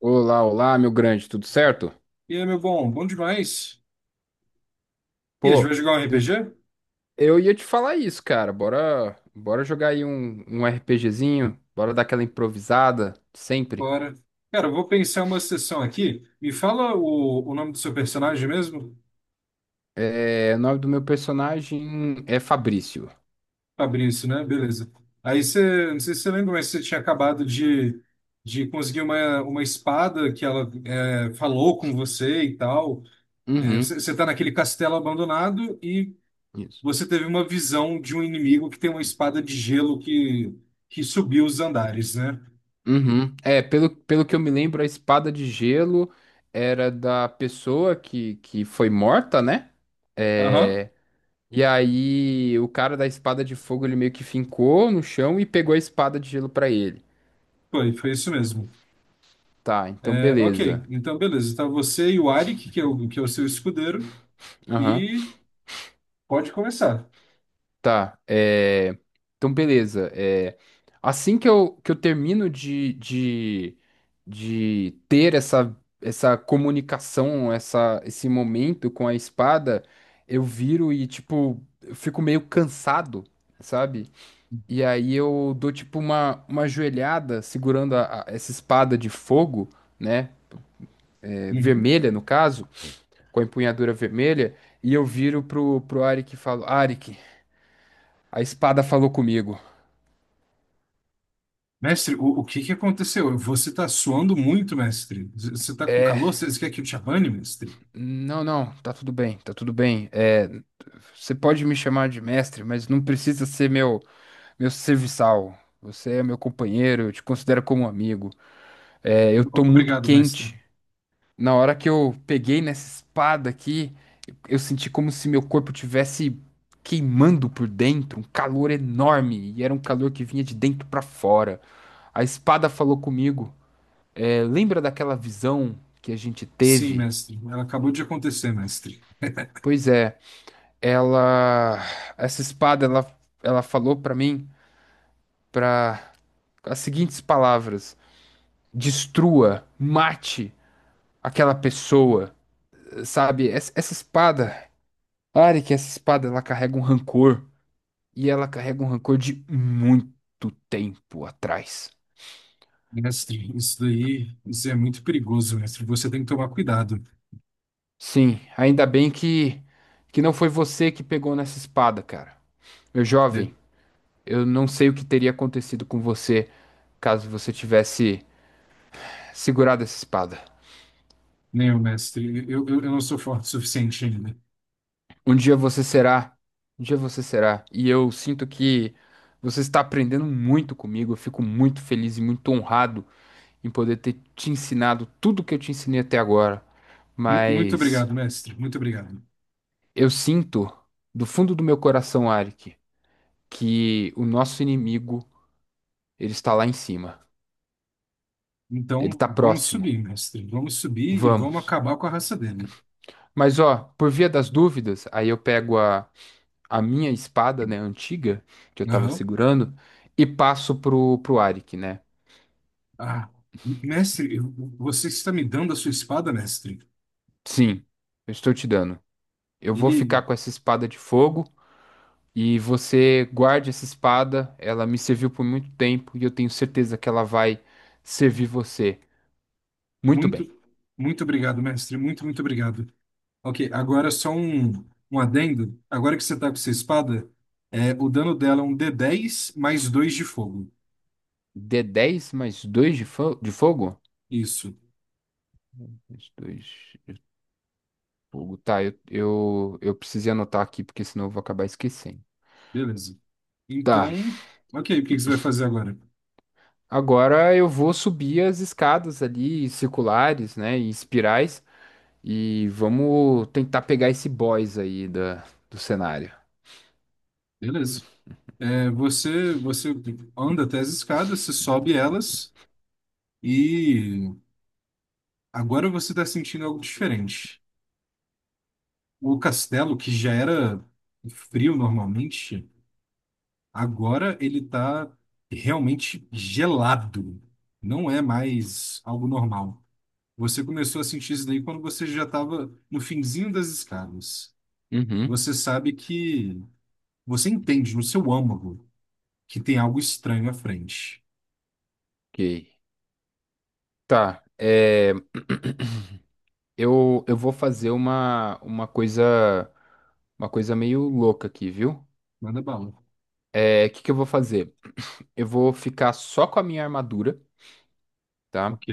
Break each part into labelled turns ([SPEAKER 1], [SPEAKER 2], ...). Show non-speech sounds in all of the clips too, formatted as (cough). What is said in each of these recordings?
[SPEAKER 1] Olá, olá, meu grande, tudo certo?
[SPEAKER 2] E aí, meu bom, bom demais. E a gente vai
[SPEAKER 1] Pô,
[SPEAKER 2] jogar um
[SPEAKER 1] de-
[SPEAKER 2] RPG?
[SPEAKER 1] eu ia te falar isso, cara. Bora, bora jogar aí um RPGzinho, bora dar aquela improvisada, sempre.
[SPEAKER 2] Bora. Cara, eu vou pensar uma sessão aqui. Me fala o nome do seu personagem mesmo?
[SPEAKER 1] É, o nome do meu personagem é Fabrício.
[SPEAKER 2] Fabrício, né? Beleza. Aí você, não sei se você lembra, mas você tinha acabado de conseguir uma espada que ela é, falou com você e tal. É, você,
[SPEAKER 1] Uhum,
[SPEAKER 2] você tá naquele castelo abandonado e
[SPEAKER 1] isso.
[SPEAKER 2] você teve uma visão de um inimigo que tem uma espada de gelo que subiu os andares, né?
[SPEAKER 1] Uhum. É, pelo que eu me lembro, a espada de gelo era da pessoa que foi morta, né?
[SPEAKER 2] Aham,
[SPEAKER 1] É, e aí o cara da espada de fogo, ele meio que fincou no chão e pegou a espada de gelo pra ele.
[SPEAKER 2] foi isso mesmo.
[SPEAKER 1] Tá, então
[SPEAKER 2] É, ok,
[SPEAKER 1] beleza.
[SPEAKER 2] então beleza. Tá você e o Arik, que é o seu escudeiro,
[SPEAKER 1] Aham.
[SPEAKER 2] e pode começar.
[SPEAKER 1] Tá. Então beleza. Assim que eu termino de ter essa comunicação, esse momento com a espada, eu viro e, tipo, eu fico meio cansado, sabe? E aí eu dou, tipo, uma ajoelhada segurando essa espada de fogo, né? É,
[SPEAKER 2] Uhum.
[SPEAKER 1] vermelha, no caso, com a empunhadura vermelha. E eu viro pro Arik e falo: Arik, a espada falou comigo.
[SPEAKER 2] Mestre, o que que aconteceu? Você tá suando muito, mestre. Você tá com
[SPEAKER 1] É,
[SPEAKER 2] calor? Você quer que eu te abane, mestre?
[SPEAKER 1] não, não, tá tudo bem, tá tudo bem. É, você pode me chamar de mestre, mas não precisa ser meu serviçal. Você é meu companheiro, eu te considero como um amigo. É,
[SPEAKER 2] O-
[SPEAKER 1] eu tô muito
[SPEAKER 2] Obrigado, mestre.
[SPEAKER 1] quente. Na hora que eu peguei nessa espada aqui, eu senti como se meu corpo tivesse queimando por dentro, um calor enorme, e era um calor que vinha de dentro pra fora. A espada falou comigo. É, lembra daquela visão que a gente
[SPEAKER 2] Sim,
[SPEAKER 1] teve?
[SPEAKER 2] mestre. Ela acabou de acontecer, mestre.
[SPEAKER 1] Pois é. Ela, essa espada, ela falou pra mim para as seguintes palavras: destrua, mate aquela pessoa, sabe? Essa espada, Arik, essa espada, ela carrega um rancor e ela carrega um rancor de muito tempo atrás.
[SPEAKER 2] Mestre, isso daí, isso é muito perigoso, mestre. Você tem que tomar cuidado.
[SPEAKER 1] Sim, ainda bem que não foi você que pegou nessa espada, cara. Meu
[SPEAKER 2] É,
[SPEAKER 1] jovem, eu não sei o que teria acontecido com você caso você tivesse segurado essa espada.
[SPEAKER 2] não, mestre, eu não sou forte o suficiente ainda.
[SPEAKER 1] Um dia você será. Um dia você será. E eu sinto que você está aprendendo muito comigo. Eu fico muito feliz e muito honrado em poder ter te ensinado tudo que eu te ensinei até agora.
[SPEAKER 2] Muito
[SPEAKER 1] Mas
[SPEAKER 2] obrigado, mestre. Muito obrigado.
[SPEAKER 1] eu sinto do fundo do meu coração, Arik, que o nosso inimigo, ele está lá em cima. Ele
[SPEAKER 2] Então,
[SPEAKER 1] está
[SPEAKER 2] vamos
[SPEAKER 1] próximo.
[SPEAKER 2] subir, mestre. Vamos subir e vamos
[SPEAKER 1] Vamos.
[SPEAKER 2] acabar com a raça dele.
[SPEAKER 1] Mas ó, por via das dúvidas, aí eu pego a minha espada, né, antiga, que eu tava
[SPEAKER 2] Aham.
[SPEAKER 1] segurando, e passo pro, Arik, né?
[SPEAKER 2] Ah, mestre, você está me dando a sua espada, mestre?
[SPEAKER 1] Sim, eu estou te dando. Eu vou
[SPEAKER 2] Ele,
[SPEAKER 1] ficar com essa espada de fogo e você guarde essa espada. Ela me serviu por muito tempo e eu tenho certeza que ela vai servir você. Muito
[SPEAKER 2] muito,
[SPEAKER 1] bem.
[SPEAKER 2] muito obrigado, mestre. Muito, muito obrigado. Ok, agora só um adendo. Agora que você está com sua espada, é, o dano dela é um d dez mais 2 de fogo.
[SPEAKER 1] d10 mais 2 de, de fogo?
[SPEAKER 2] Isso,
[SPEAKER 1] Mais 2 de fogo. Tá, eu precisei anotar aqui porque senão eu vou acabar esquecendo.
[SPEAKER 2] beleza.
[SPEAKER 1] Tá,
[SPEAKER 2] Então, ok, o que que você vai fazer agora?
[SPEAKER 1] agora eu vou subir as escadas ali, circulares, né, em espirais, e vamos tentar pegar esse boss aí do cenário.
[SPEAKER 2] Beleza. É, você anda até as escadas, você sobe elas, e agora você está sentindo algo diferente. O castelo, que já era frio normalmente, agora ele está realmente gelado. Não é mais algo normal. Você começou a sentir isso daí quando você já estava no finzinho das escadas.
[SPEAKER 1] Uhum,
[SPEAKER 2] Você sabe que você entende no seu âmago que tem algo estranho à frente.
[SPEAKER 1] ok. Tá, (clears throat) eu vou fazer uma coisa meio louca aqui, viu?
[SPEAKER 2] Manda bala.
[SPEAKER 1] É, o que que eu vou fazer? Eu vou ficar só com a minha armadura, tá?
[SPEAKER 2] Ok,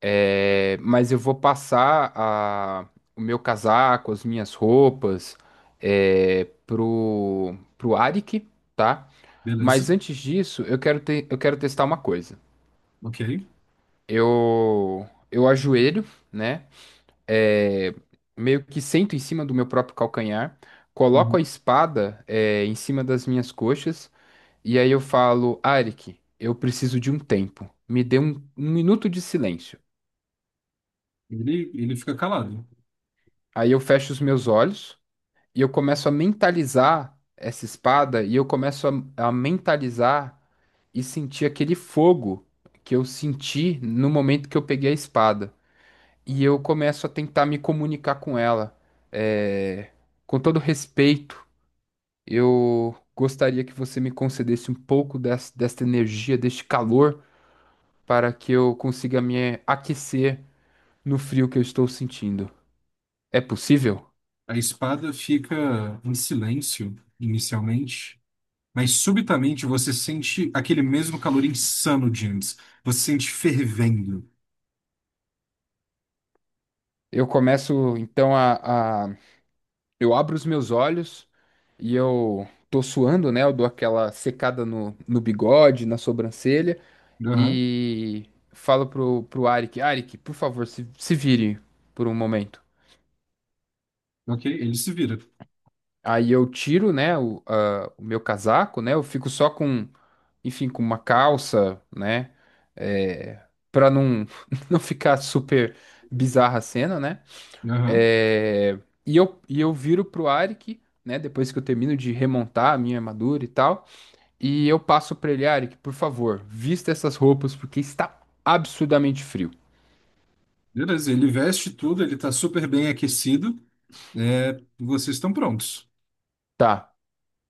[SPEAKER 1] É, mas eu vou passar o meu casaco, as minhas roupas, é, pro Arik, tá?
[SPEAKER 2] beleza.
[SPEAKER 1] Mas antes disso, eu quero testar uma coisa.
[SPEAKER 2] Ok.
[SPEAKER 1] Eu ajoelho, né? É, meio que sento em cima do meu próprio calcanhar, coloco a
[SPEAKER 2] Uhum.
[SPEAKER 1] espada, é, em cima das minhas coxas, e aí eu falo, Arik, eu preciso de um tempo. Me dê um minuto de silêncio.
[SPEAKER 2] Ele fica calado.
[SPEAKER 1] Aí eu fecho os meus olhos e eu começo a mentalizar essa espada e eu começo a mentalizar e sentir aquele fogo que eu senti no momento que eu peguei a espada. E eu começo a tentar me comunicar com ela, é, com todo respeito. Eu gostaria que você me concedesse um pouco desta energia, deste calor, para que eu consiga me aquecer no frio que eu estou sentindo. É possível?
[SPEAKER 2] A espada fica em silêncio inicialmente, mas subitamente você sente aquele mesmo calor insano de antes. Você sente fervendo.
[SPEAKER 1] Eu começo então a- Eu abro os meus olhos e eu tô suando, né? Eu dou aquela secada no bigode, na sobrancelha
[SPEAKER 2] Aham,
[SPEAKER 1] e falo pro Arik, Arik, por favor, se vire por um momento.
[SPEAKER 2] ok, ele se vira.
[SPEAKER 1] Aí eu tiro, né, o meu casaco, né? Eu fico só com, enfim, com uma calça, né? É, para não, (laughs) não ficar super bizarra a cena, né?
[SPEAKER 2] Aham,
[SPEAKER 1] É, e eu viro pro Arik, né? Depois que eu termino de remontar a minha armadura e tal. E eu passo pra ele, Arik, por favor, vista essas roupas porque está absurdamente frio.
[SPEAKER 2] beleza, ele veste tudo, ele tá super bem aquecido. É, vocês estão prontos.
[SPEAKER 1] Tá.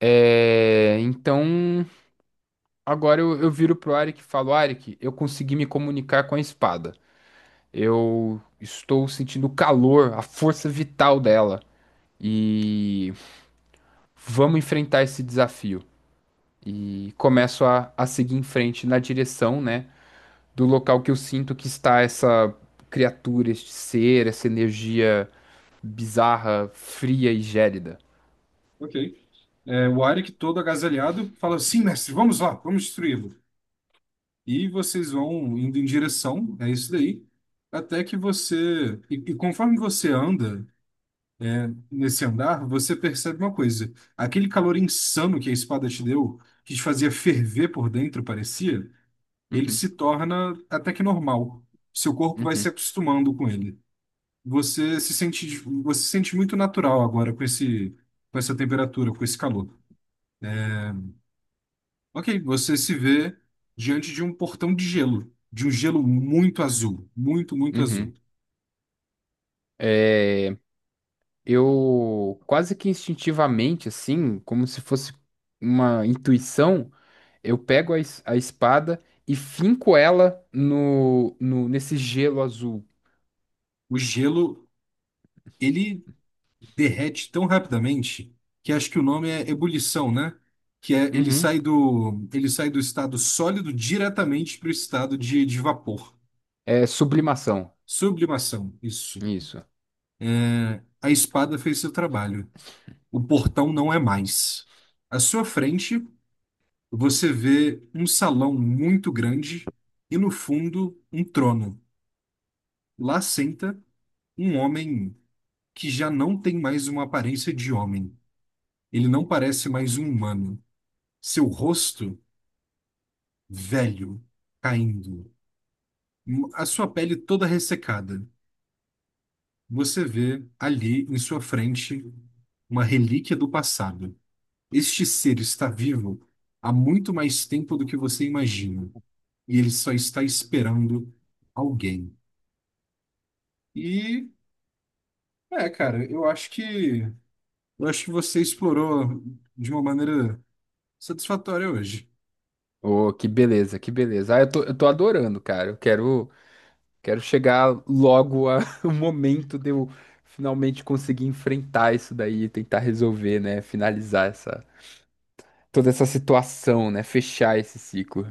[SPEAKER 1] É, então agora eu viro pro Arik e falo, Arik, eu consegui me comunicar com a espada. Eu estou sentindo o calor, a força vital dela. E vamos enfrentar esse desafio. E começo a seguir em frente na direção, né, do local que eu sinto que está essa criatura, este ser, essa energia bizarra, fria e gélida.
[SPEAKER 2] Ok. É, o Arik, todo agasalhado, fala: Sim, mestre, vamos lá, vamos destruí-lo. E vocês vão indo em direção, é isso daí, até que você. E conforme você anda, nesse andar, você percebe uma coisa. Aquele calor insano que a espada te deu, que te fazia ferver por dentro, parecia, ele
[SPEAKER 1] Uhum,
[SPEAKER 2] se torna até que normal. Seu corpo vai
[SPEAKER 1] uhum,
[SPEAKER 2] se acostumando com ele. Você se sente, você se sente muito natural agora com com essa temperatura, com esse calor. É, ok, você se vê diante de um portão de gelo, de um gelo muito azul, muito azul.
[SPEAKER 1] uhum. É, eu quase que instintivamente, assim, como se fosse uma intuição. Eu pego a espada e finco ela no, no nesse gelo azul.
[SPEAKER 2] O gelo, ele derrete tão rapidamente que acho que o nome é ebulição, né? Que é
[SPEAKER 1] Uhum.
[SPEAKER 2] ele sai do estado sólido diretamente para o estado de vapor.
[SPEAKER 1] É sublimação.
[SPEAKER 2] Sublimação, isso.
[SPEAKER 1] Isso.
[SPEAKER 2] É, a espada fez seu trabalho. O portão não é mais. À sua frente, você vê um salão muito grande e no fundo um trono. Lá senta um homem que já não tem mais uma aparência de homem. Ele não parece mais um humano. Seu rosto velho, caindo, a sua pele toda ressecada. Você vê ali em sua frente uma relíquia do passado. Este ser está vivo há muito mais tempo do que você imagina, e ele só está esperando alguém. E é, cara, eu acho que você explorou de uma maneira satisfatória hoje.
[SPEAKER 1] Oh, que beleza, que beleza. Ah, eu tô adorando, cara. Eu quero chegar logo a- (laughs) o momento de eu finalmente conseguir enfrentar isso daí e tentar resolver, né? Finalizar toda essa situação, né? Fechar esse ciclo.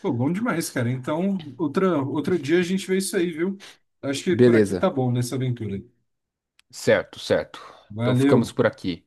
[SPEAKER 2] Pô, bom demais, cara. Então, outro dia a gente vê isso aí, viu? Acho que por aqui tá
[SPEAKER 1] (laughs) Beleza.
[SPEAKER 2] bom nessa aventura.
[SPEAKER 1] Certo, certo. Então ficamos
[SPEAKER 2] Valeu.
[SPEAKER 1] por aqui.